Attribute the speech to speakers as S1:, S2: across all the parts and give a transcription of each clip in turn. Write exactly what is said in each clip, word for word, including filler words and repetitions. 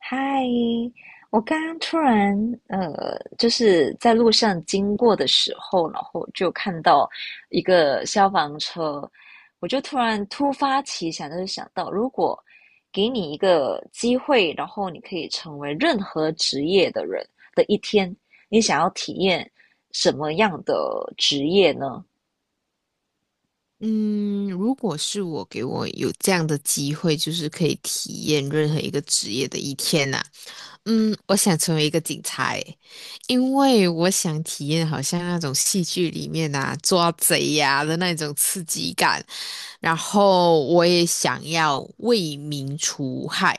S1: 嗨，我刚刚突然呃，就是在路上经过的时候，然后就看到一个消防车，我就突然突发奇想，就是想到，如果给你一个机会，然后你可以成为任何职业的人的一天，你想要体验什么样的职业呢？
S2: 嗯，如果是我给我有这样的机会，就是可以体验任何一个职业的一天呐、嗯，我想成为一个警察诶，因为我想体验好像那种戏剧里面呐抓贼呀、的那种刺激感，然后我也想要为民除害，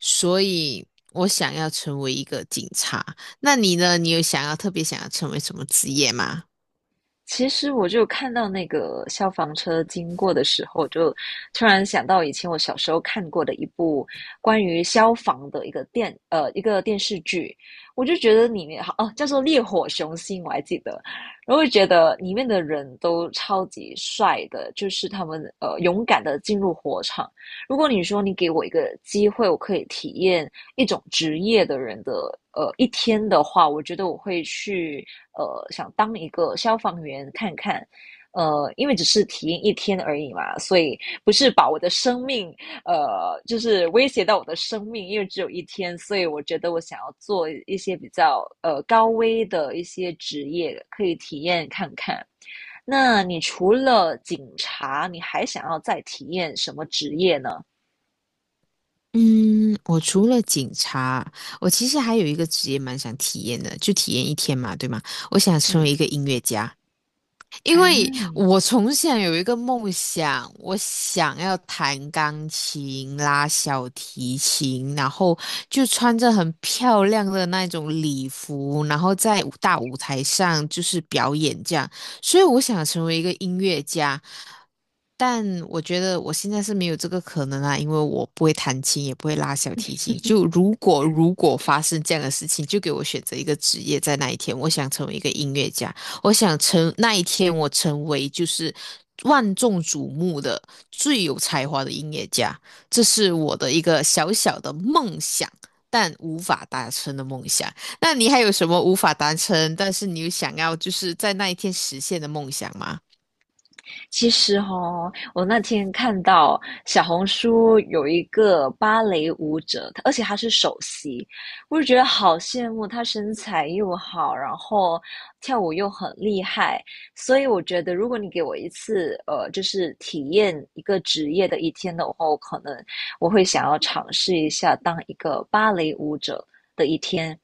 S2: 所以我想要成为一个警察。那你呢？你有想要特别想要成为什么职业吗？
S1: 其实我就看到那个消防车经过的时候，就突然想到以前我小时候看过的一部关于消防的一个电呃一个电视剧，我就觉得里面好哦叫做《烈火雄心》，我还记得，然后就觉得里面的人都超级帅的，就是他们呃勇敢的进入火场。如果你说你给我一个机会，我可以体验一种职业的人的呃一天的话，我觉得我会去呃想当一个消防员看看。呃，因为只是体验一天而已嘛，所以不是把我的生命呃就是威胁到我的生命，因为只有一天，所以我觉得我想要做一些比较呃高危的一些职业，可以体验看看。那你除了警察，你还想要再体验什么职业呢？
S2: 嗯，我除了警察，我其实还有一个职业蛮想体验的，就体验一天嘛，对吗？我想成为
S1: 嗯。
S2: 一个音乐家。因为
S1: 嗯。
S2: 我从小有一个梦想，我想要弹钢琴、拉小提琴，然后就穿着很漂亮的那种礼服，然后在舞大舞台上就是表演这样。所以我想成为一个音乐家，但我觉得我现在是没有这个可能啊，因为我不会弹琴，也不会拉小提琴。就如果如果发生这样的事情，就给我选择一个职业，在那一天，我想成为一个音乐家。我想成那一天，我成为就是万众瞩目的最有才华的音乐家，这是我的一个小小的梦想，但无法达成的梦想。那你还有什么无法达成，但是你又想要就是在那一天实现的梦想吗？
S1: 其实哦，我那天看到小红书有一个芭蕾舞者，她而且她是首席，我就觉得好羡慕，她身材又好，然后跳舞又很厉害，所以我觉得如果你给我一次，呃，就是体验一个职业的一天的话，我可能我会想要尝试一下当一个芭蕾舞者的一天。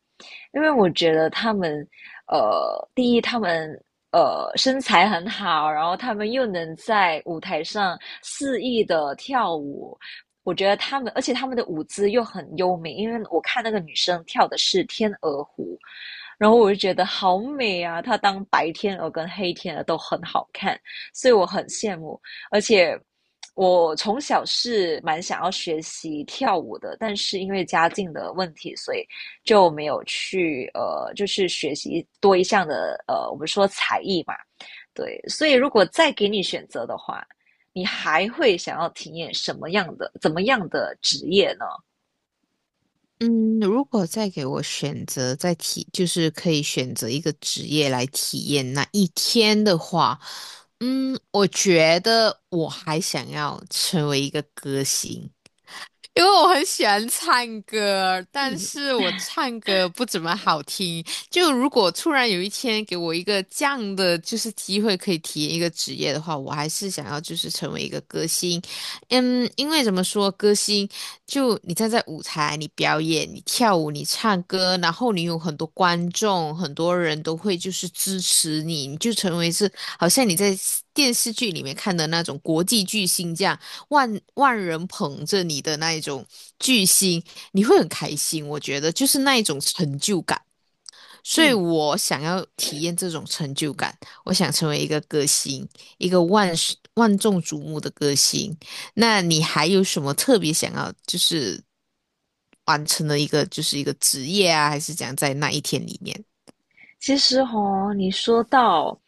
S1: 因为我觉得他们，呃，第一，他们呃身材很好，然后他们又能在舞台上肆意的跳舞。我觉得他们，而且他们的舞姿又很优美，因为我看那个女生跳的是天鹅湖，然后我就觉得好美啊！她当白天鹅跟黑天鹅都很好看，所以我很羡慕。而且我从小是蛮想要学习跳舞的，但是因为家境的问题，所以就没有去呃，就是学习多一项的呃，我们说才艺嘛，对。所以如果再给你选择的话，你还会想要体验什么样的、怎么样的职业呢？
S2: 嗯，如果再给我选择，再体，就是可以选择一个职业来体验那一天的话，嗯，我觉得我还想要成为一个歌星。因为我很喜欢唱歌，但
S1: 嗯。
S2: 是我唱歌不怎么好听。就如果突然有一天给我一个这样的就是机会，可以体验一个职业的话，我还是想要就是成为一个歌星。嗯，因为怎么说，歌星就你站在舞台，你表演，你跳舞，你唱歌，然后你有很多观众，很多人都会就是支持你，你就成为是好像你在电视剧里面看的那种国际巨星这样。万万人捧着你的那一种巨星，你会很开心。我觉得就是那一种成就感，所以
S1: 嗯。
S2: 我想要体验这种成就感。我想成为一个歌星，一个万世万众瞩目的歌星。那你还有什么特别想要就是完成的一个就是一个职业啊，还是讲在那一天里面？
S1: 其实哦，你说到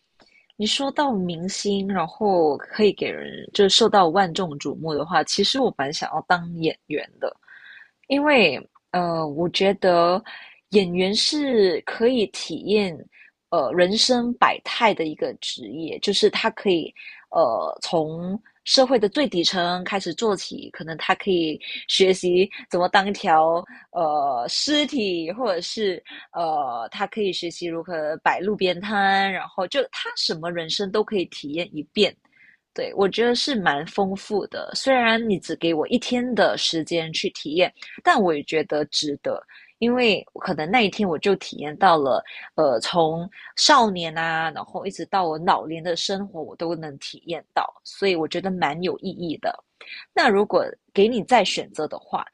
S1: 你说到明星，然后可以给人就是受到万众瞩目的话，其实我蛮想要当演员的。因为呃，我觉得演员是可以体验呃人生百态的一个职业，就是他可以呃从社会的最底层开始做起，可能他可以学习怎么当一条呃尸体，或者是呃他可以学习如何摆路边摊，然后就他什么人生都可以体验一遍。对，我觉得是蛮丰富的，虽然你只给我一天的时间去体验。但我也觉得值得，因为可能那一天我就体验到了，呃，从少年啊，然后一直到我老年的生活，我都能体验到，所以我觉得蛮有意义的。那如果给你再选择的话，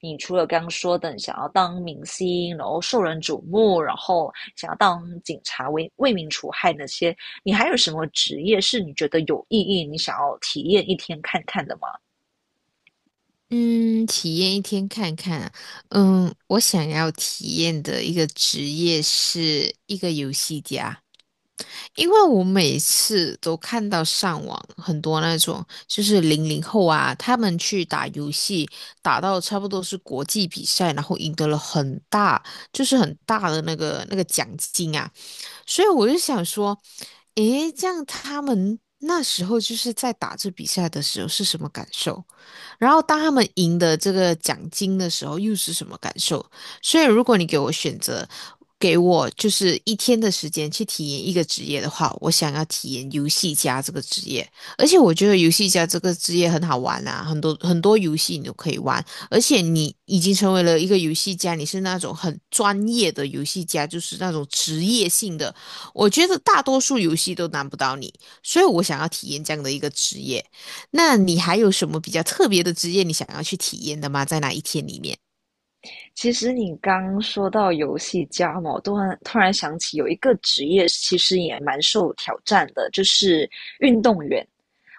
S1: 你除了刚刚说的你想要当明星，然后受人瞩目，然后想要当警察为为民除害那些，你还有什么职业是你觉得有意义，你想要体验一天看看的吗？
S2: 嗯，体验一天看看啊嗯，我想要体验的一个职业是一个游戏家，因为我每次都看到上网很多那种，就是零零后啊，他们去打游戏，打到差不多是国际比赛，然后赢得了很大，就是很大的那个那个奖金啊。所以我就想说，诶，这样他们那时候就是在打这比赛的时候是什么感受？然后当他们赢得这个奖金的时候又是什么感受？所以如果你给我选择，给我就是一天的时间去体验一个职业的话，我想要体验游戏家这个职业，而且我觉得游戏家这个职业很好玩啊，很多很多游戏你都可以玩。而且你已经成为了一个游戏家，你是那种很专业的游戏家，就是那种职业性的，我觉得大多数游戏都难不到你，所以我想要体验这样的一个职业。那你还有什么比较特别的职业你想要去体验的吗？在哪一天里面？
S1: 其实你刚说到游戏家嘛，我突然突然想起有一个职业其实也蛮受挑战的，就是运动员。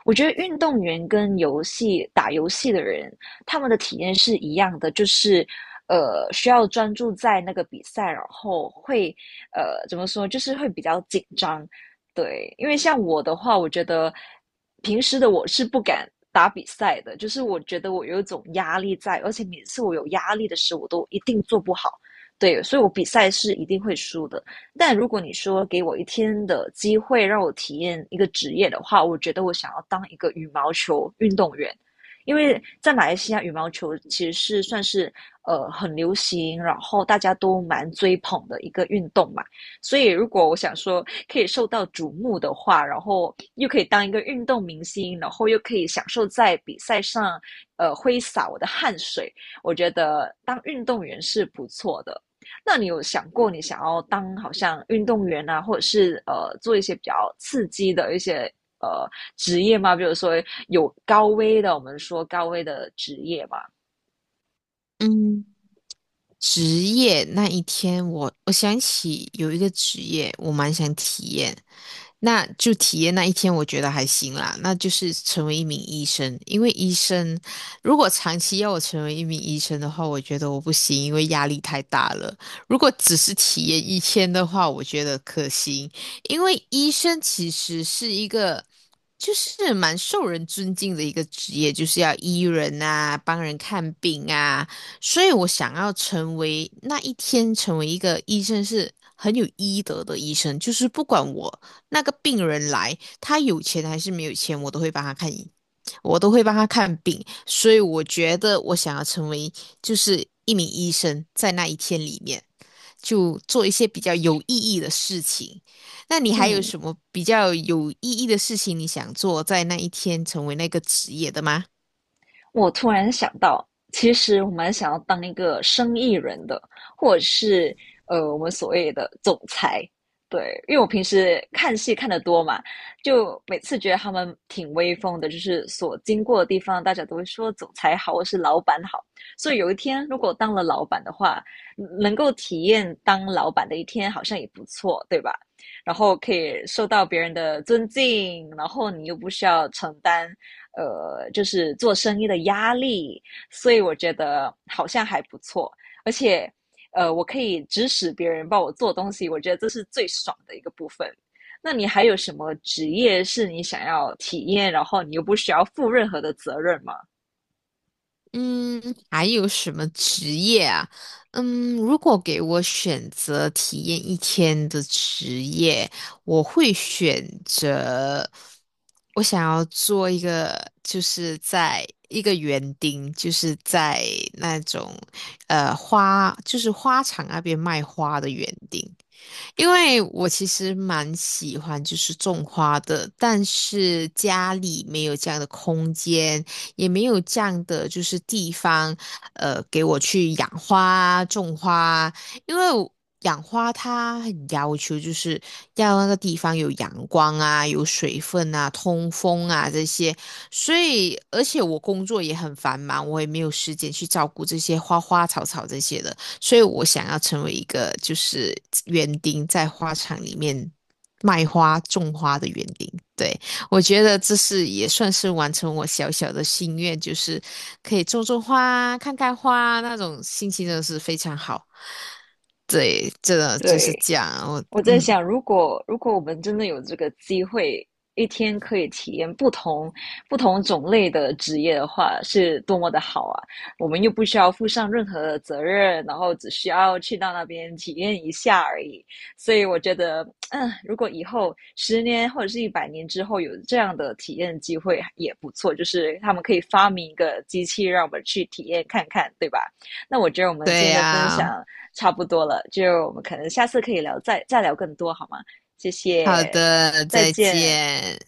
S1: 我觉得运动员跟游戏打游戏的人，他们的体验是一样的，就是呃需要专注在那个比赛，然后会呃怎么说，就是会比较紧张。对，因为像我的话，我觉得平时的我是不敢打比赛的，就是我觉得我有一种压力在，而且每次我有压力的时候，我都一定做不好。对，所以我比赛是一定会输的。但如果你说给我一天的机会让我体验一个职业的话，我觉得我想要当一个羽毛球运动员，因为在马来西亚羽毛球其实是算是呃很流行，然后大家都蛮追捧的一个运动嘛。所以，如果我想说可以受到瞩目的话，然后又可以当一个运动明星，然后又可以享受在比赛上，呃，挥洒我的汗水，我觉得当运动员是不错的。那你有想过你想要当好像运动员啊，或者是呃做一些比较刺激的一些呃职业吗？比如说有高危的，我们说高危的职业嘛。
S2: 嗯，职业那一天我，我想起有一个职业我蛮想体验，那就体验那一天，我觉得还行啦。那就是成为一名医生，因为医生如果长期要我成为一名医生的话，我觉得我不行，因为压力太大了。如果只是体验一天的话，我觉得可行，因为医生其实是一个就是蛮受人尊敬的一个职业，就是要医人啊，帮人看病啊。所以我想要成为那一天成为一个医生是很有医德的医生，就是不管我那个病人来，他有钱还是没有钱，我都会帮他看医，我都会帮他看病。所以我觉得我想要成为就是一名医生，在那一天里面就做一些比较有意义的事情。那你还有
S1: 嗯。
S2: 什么比较有意义的事情你想做，在那一天成为那个职业的吗？
S1: 我突然想到，其实我蛮想要当一个生意人的，或者是呃，我们所谓的总裁。对，因为我平时看戏看得多嘛，就每次觉得他们挺威风的，就是所经过的地方，大家都会说总裁好，或是老板好。所以有一天，如果当了老板的话，嗯能够体验当老板的一天，好像也不错，对吧？然后可以受到别人的尊敬，然后你又不需要承担呃，就是做生意的压力，所以我觉得好像还不错，而且呃，我可以指使别人帮我做东西，我觉得这是最爽的一个部分。那你还有什么职业是你想要体验，然后你又不需要负任何的责任吗？
S2: 嗯，还有什么职业啊？嗯，如果给我选择体验一天的职业，我会选择我想要做一个，就是在一个园丁，就是在那种呃花，就是花场那边卖花的园丁。因为我其实蛮喜欢就是种花的，但是家里没有这样的空间，也没有这样的就是地方，呃，给我去养花、种花。因为我养花它很要求，就是要那个地方有阳光啊、有水分啊、通风啊这些。所以，而且我工作也很繁忙，我也没有时间去照顾这些花花草草这些的。所以我想要成为一个就是园丁，在花场里面卖花、种花的园丁。对，我觉得这是也算是完成我小小的心愿，就是可以种种花、看看花，那种心情真的是非常好。对，这的就是
S1: 对，
S2: 这样。我
S1: 我在
S2: 嗯，
S1: 想，如果如果我们真的有这个机会，一天可以体验不同不同种类的职业的话，是多么的好啊！我们又不需要负上任何的责任，然后只需要去到那边体验一下而已。所以我觉得，嗯，如果以后十年或者是一百年之后有这样的体验机会也不错，就是他们可以发明一个机器让我们去体验看看，对吧？那我觉得我们今
S2: 对
S1: 天的分
S2: 呀、
S1: 享。差不多了，就我们可能下次可以聊，再再聊更多好吗？谢
S2: 好
S1: 谢，
S2: 的，
S1: 再
S2: 再
S1: 见。
S2: 见。